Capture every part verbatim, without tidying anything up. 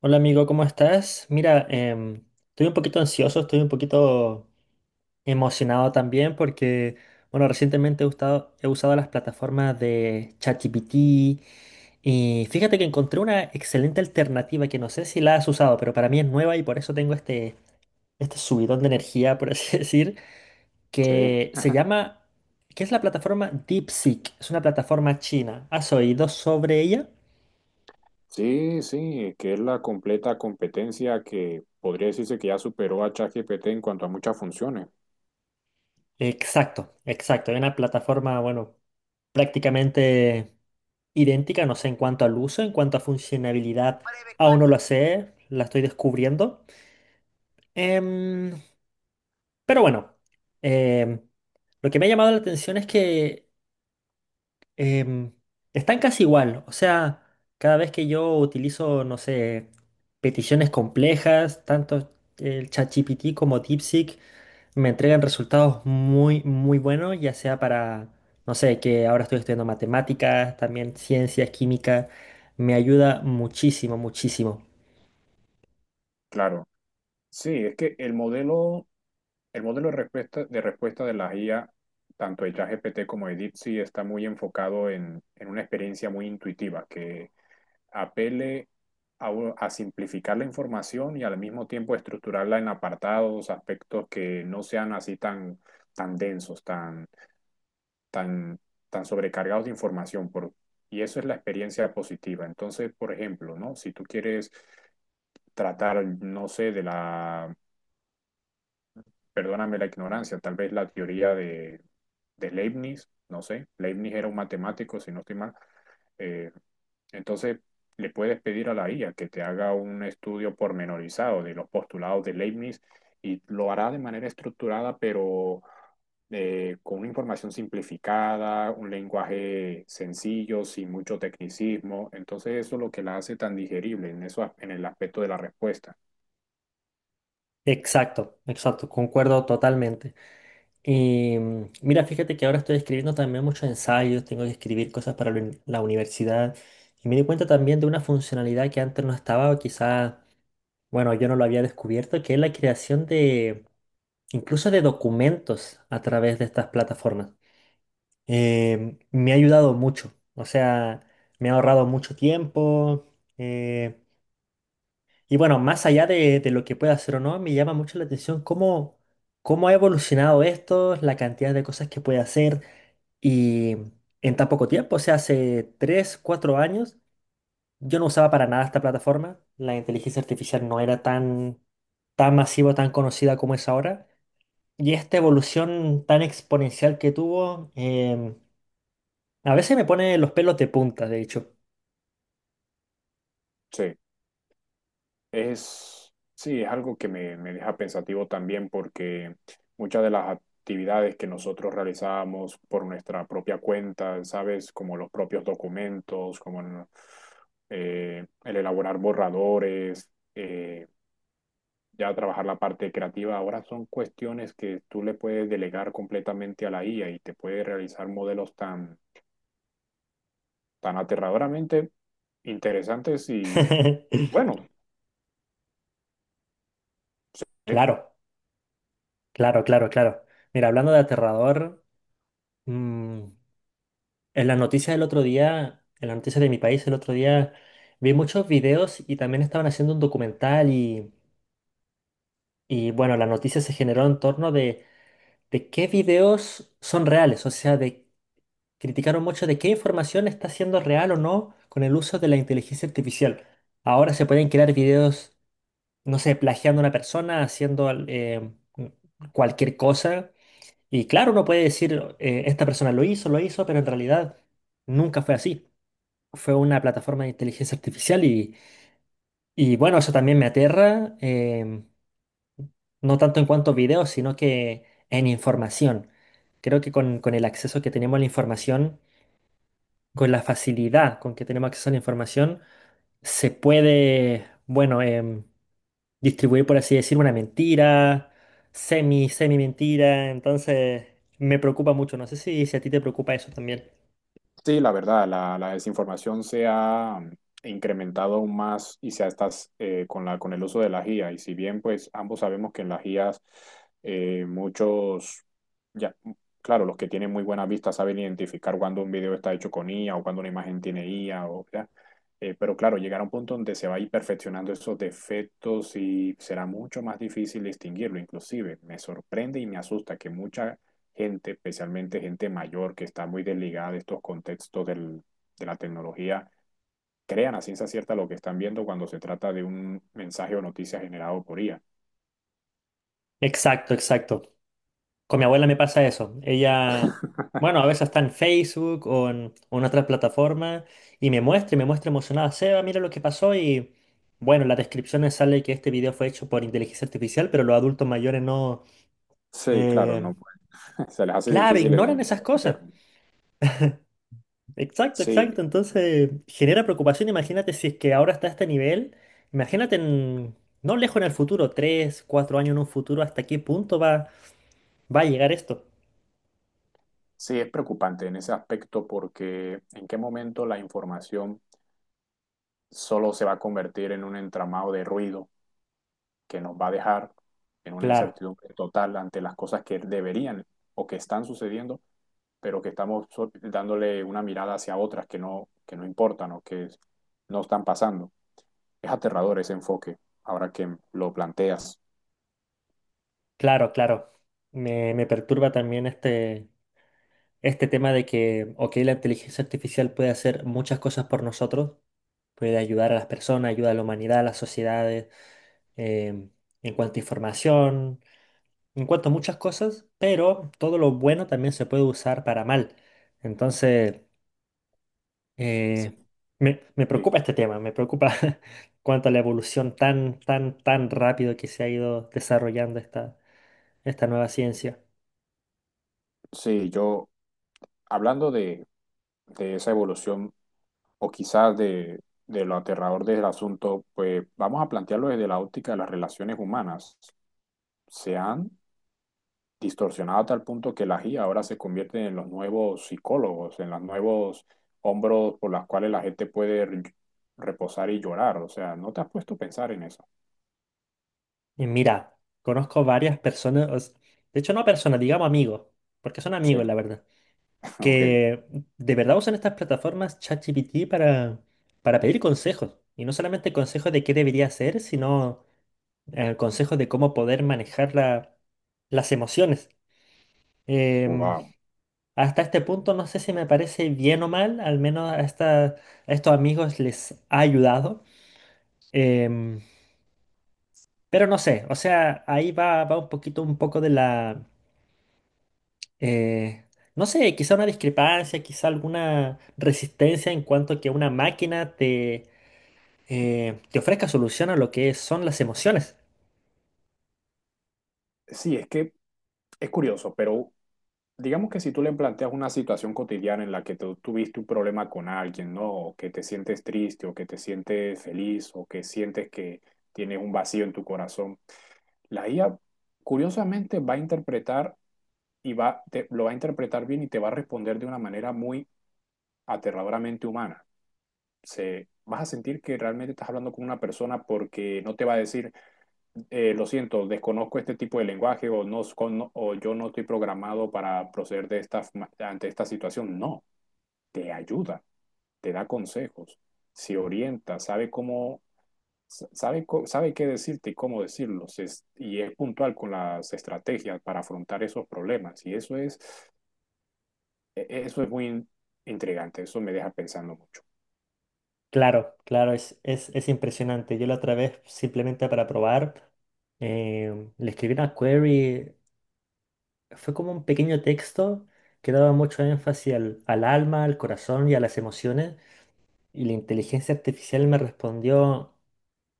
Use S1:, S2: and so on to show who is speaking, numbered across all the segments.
S1: Hola amigo, ¿cómo estás? Mira, em, estoy un poquito ansioso, estoy un poquito emocionado también porque, bueno, recientemente he usado, he usado las plataformas de ChatGPT y fíjate que encontré una excelente alternativa que no sé si la has usado, pero para mí es nueva y por eso tengo este, este subidón de energía, por así decir,
S2: Sí,
S1: que se llama, que es la plataforma DeepSeek, es una plataforma china. ¿Has oído sobre ella?
S2: sí, sí, que es la completa competencia que podría decirse que ya superó a ChatGPT en cuanto a muchas funciones.
S1: Exacto, exacto, es una plataforma, bueno, prácticamente idéntica, no sé en cuanto al uso, en cuanto a funcionalidad, aún no lo sé, la estoy descubriendo. Em, pero bueno, em, lo que me ha llamado la atención es que em, están casi igual. O sea, cada vez que yo utilizo, no sé, peticiones complejas, tanto el ChatGPT como DeepSeek me entregan resultados muy, muy buenos, ya sea para, no sé, que ahora estoy estudiando matemáticas, también ciencias, química. Me ayuda muchísimo, muchísimo.
S2: Claro, sí, es que el modelo, el modelo de respuesta de respuesta de la I A, tanto de ChatGPT como de DeepSeek, está muy enfocado en, en una experiencia muy intuitiva que apele a, u- a simplificar la información y al mismo tiempo estructurarla en apartados, aspectos que no sean así tan, tan densos, tan, tan sobrecargados de información, por, y eso es la experiencia positiva. Entonces, por ejemplo, ¿no? Si tú quieres tratar, no sé, de la, perdóname la ignorancia, tal vez la teoría de, de Leibniz, no sé, Leibniz era un matemático, si no estoy mal, eh, entonces, le puedes pedir a la I A que te haga un estudio pormenorizado de los postulados de Leibniz y lo hará de manera estructurada, pero eh, con una información simplificada, un lenguaje sencillo, sin mucho tecnicismo. Entonces, eso es lo que la hace tan digerible en, eso, en el aspecto de la respuesta.
S1: Exacto, exacto, concuerdo totalmente. Y mm, mira, fíjate que ahora estoy escribiendo también muchos ensayos, tengo que escribir cosas para la uni- la universidad y me di cuenta también de una funcionalidad que antes no estaba o quizás, bueno, yo no lo había descubierto, que es la creación de incluso de documentos a través de estas plataformas. Eh, me ha ayudado mucho, o sea, me ha ahorrado mucho tiempo, eh, y bueno, más allá de, de lo que pueda hacer o no, me llama mucho la atención cómo... ¿Cómo ha evolucionado esto? La cantidad de cosas que puede hacer, y en tan poco tiempo, o sea, hace tres, cuatro años, yo no usaba para nada esta plataforma. La inteligencia artificial no era tan, tan masiva, tan conocida como es ahora. Y esta evolución tan exponencial que tuvo, em, a veces me pone los pelos de punta, de hecho.
S2: Sí. Es, sí, es algo que me, me deja pensativo también porque muchas de las actividades que nosotros realizábamos por nuestra propia cuenta, ¿sabes? Como los propios documentos, como en- eh, el elaborar borradores, eh, ya trabajar la parte creativa, ahora son cuestiones que tú le puedes delegar completamente a la I A y te puede realizar modelos tan, tan aterradoramente interesantes y, bueno. Sí,
S1: Claro, claro, claro, claro. Mira, hablando de aterrador, mm, en las noticias del otro día, en las noticias de mi país el otro día, vi muchos videos y también estaban haciendo un documental y... Y bueno, la noticia se generó en torno de, de qué videos son reales, o sea, de, criticaron mucho de qué información está siendo real o no con el uso de la inteligencia artificial. Ahora se pueden crear videos, no sé, plagiando a una persona, haciendo al- eh, cualquier cosa. Y claro, uno puede decir, eh, esta persona lo hizo, lo hizo, pero en realidad nunca fue así. Fue una plataforma de inteligencia artificial y, y bueno, eso también me aterra. em, No tanto en cuanto a videos, sino que en información. Creo que con, con el acceso que tenemos a la información, con la facilidad con que tenemos acceso a la información, se puede, bueno, em, distribuir, por así decir, una mentira, semi, semi mentira. Entonces, me preocupa mucho. No sé si, si a ti te preocupa eso también.
S2: sí, la verdad, la, la desinformación se ha mm, incrementado aún más y se ha estás eh, con la con el uso de las I A. Y si bien pues ambos sabemos que en las I As eh, muchos ya mm, claro, los que tienen muy buena vista saben identificar cuando un video está hecho con I A o cuando una imagen tiene I A o ya. Eh, pero claro, llegar a un punto donde se va a ir perfeccionando esos defectos y será mucho más difícil distinguirlo. Inclusive me sorprende y me asusta que muchos gente, especialmente gente mayor que está muy desligada de estos contextos del, de la tecnología, crean a ciencia cierta lo que están viendo cuando se trata de un mensaje o noticia generado por I A.
S1: Exacto, exacto. Con mi abuela me pasa eso. Ella, bueno, a veces está en Facebook o en, o en otras plataformas y me muestra y me muestra emocionada. Seba, mira lo que pasó y bueno, en las descripciones sale que este video fue hecho por inteligencia artificial, pero los adultos mayores no,
S2: Sí, claro,
S1: eh,
S2: no, se les hace
S1: claro,
S2: difícil en-
S1: ignoran esas cosas.
S2: entender.
S1: Exacto, exacto.
S2: Sí,
S1: Entonces genera preocupación. Imagínate si es que ahora está a este nivel. Imagínate en- no lejos en el futuro, tres, cuatro años en un futuro, ¿hasta qué punto va, va a llegar esto?
S2: sí, es preocupante en ese aspecto porque en qué momento la información solo se va a convertir en un entramado de ruido que nos va a dejar en una
S1: Claro.
S2: incertidumbre total ante las cosas que deberían o que están sucediendo pero que estamos so- dándole una mirada hacia otras que no, que no importan o que no están pasando. Es aterrador ese enfoque, ahora que lo planteas.
S1: Claro, claro. Me, me perturba también este, este tema de que, ok, la inteligencia artificial puede hacer muchas cosas por nosotros, puede ayudar a las personas, ayuda a la humanidad, a las sociedades, em, en cuanto a información, en cuanto a muchas cosas, pero todo lo bueno también se puede usar para mal. Entonces,
S2: Sí,
S1: eh, me, me
S2: sí,
S1: preocupa este tema, me preocupa cuanto a la evolución tan, tan, tan rápido que se ha ido desarrollando esta, esta nueva ciencia.
S2: sí, yo, hablando de, de esa evolución o quizás de, de lo aterrador del asunto, pues vamos a plantearlo desde la óptica de las relaciones humanas. Se han distorsionado a tal punto que la I A ahora se convierte en los nuevos psicólogos, en los nuevos hombros por los cuales la gente puede re- reposar y llorar. O sea, ¿no te has puesto a pensar en eso?
S1: Y mira, conozco varias personas, os- de hecho no personas, digamos amigos, porque son amigos la
S2: Sí,
S1: verdad,
S2: ok,
S1: que de verdad usan estas plataformas ChatGPT para, para pedir consejos. Y no solamente consejos de qué debería hacer, sino eh, consejos de cómo poder manejar la- las emociones. Em,
S2: wow.
S1: Hasta este punto no sé si me parece bien o mal, al menos a, esta- a estos amigos les ha ayudado. Em, pero no sé, o sea, ahí va, va un poquito, un poco de la... eh, no sé, quizá una discrepancia, quizá alguna resistencia en cuanto a que una máquina te, eh, te ofrezca solución a lo que son las emociones.
S2: Sí, es que es curioso, pero digamos que si tú le planteas una situación cotidiana en la que tú tuviste un problema con alguien, ¿no? O que te sientes triste, o que te sientes feliz, o que sientes que tienes un vacío en tu corazón, la I A curiosamente va a interpretar y va, te, lo va a interpretar bien y te va a responder de una manera muy aterradoramente humana. Se, vas a sentir que realmente estás hablando con una persona porque no te va a decir, eh, lo siento, desconozco este tipo de lenguaje o, no, o yo no estoy programado para proceder de esta, ante esta situación. No, te ayuda, te da consejos, se orienta, sabe cómo, sabe, sabe qué decirte y cómo decirlo, se, y es puntual con las estrategias para afrontar esos problemas. Y eso es E- eso es muy intrigante, eso me deja pensando mucho.
S1: Claro, claro, es, es, es impresionante. Yo la otra vez, simplemente para probar, eh, le escribí una query, fue como un pequeño texto que daba mucho énfasis al, al alma, al corazón y a las emociones, y la inteligencia artificial me respondió,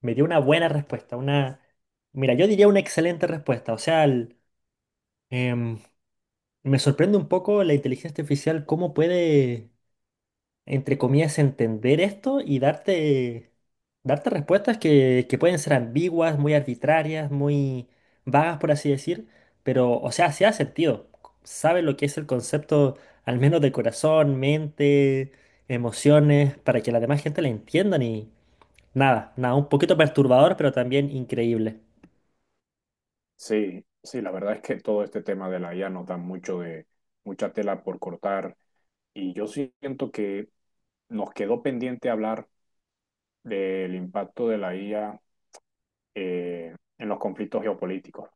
S1: me dio una buena respuesta, una... Mira, yo diría una excelente respuesta. O sea, Em, me sorprende un poco la inteligencia artificial, cómo puede, entre comillas, entender esto y darte, darte respuestas que, que pueden ser ambiguas, muy arbitrarias, muy vagas, por así decir, pero, o sea, sí ha sentido. Sabe lo que es el concepto, al menos de corazón, mente, emociones, para que la demás gente la entiendan y nada, nada, un poquito perturbador, pero también increíble.
S2: Sí, sí, la verdad es que todo este tema de la I A nos da mucho de, mucha tela por cortar y yo siento que nos quedó pendiente hablar del impacto de la I A eh, en los conflictos geopolíticos.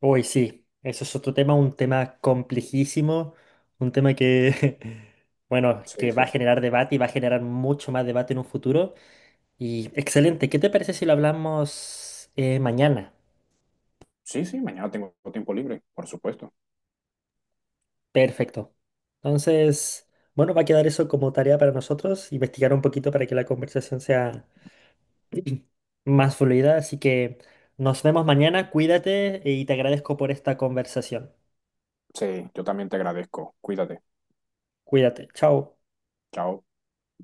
S1: Uy, sí, eso es otro tema, un tema complejísimo, un tema que, bueno,
S2: Sí,
S1: que va
S2: sí.
S1: a generar debate y va a generar mucho más debate en un futuro. Y excelente, ¿qué te parece si lo hablamos eh, mañana?
S2: Sí, sí, mañana tengo tiempo libre, por supuesto.
S1: Perfecto. Entonces, bueno, va a quedar eso como tarea para nosotros, investigar un poquito para que la conversación sea más fluida. Así que nos vemos mañana, cuídate y te agradezco por esta conversación.
S2: Sí, yo también te agradezco. Cuídate.
S1: Cuídate, chao.
S2: Chao.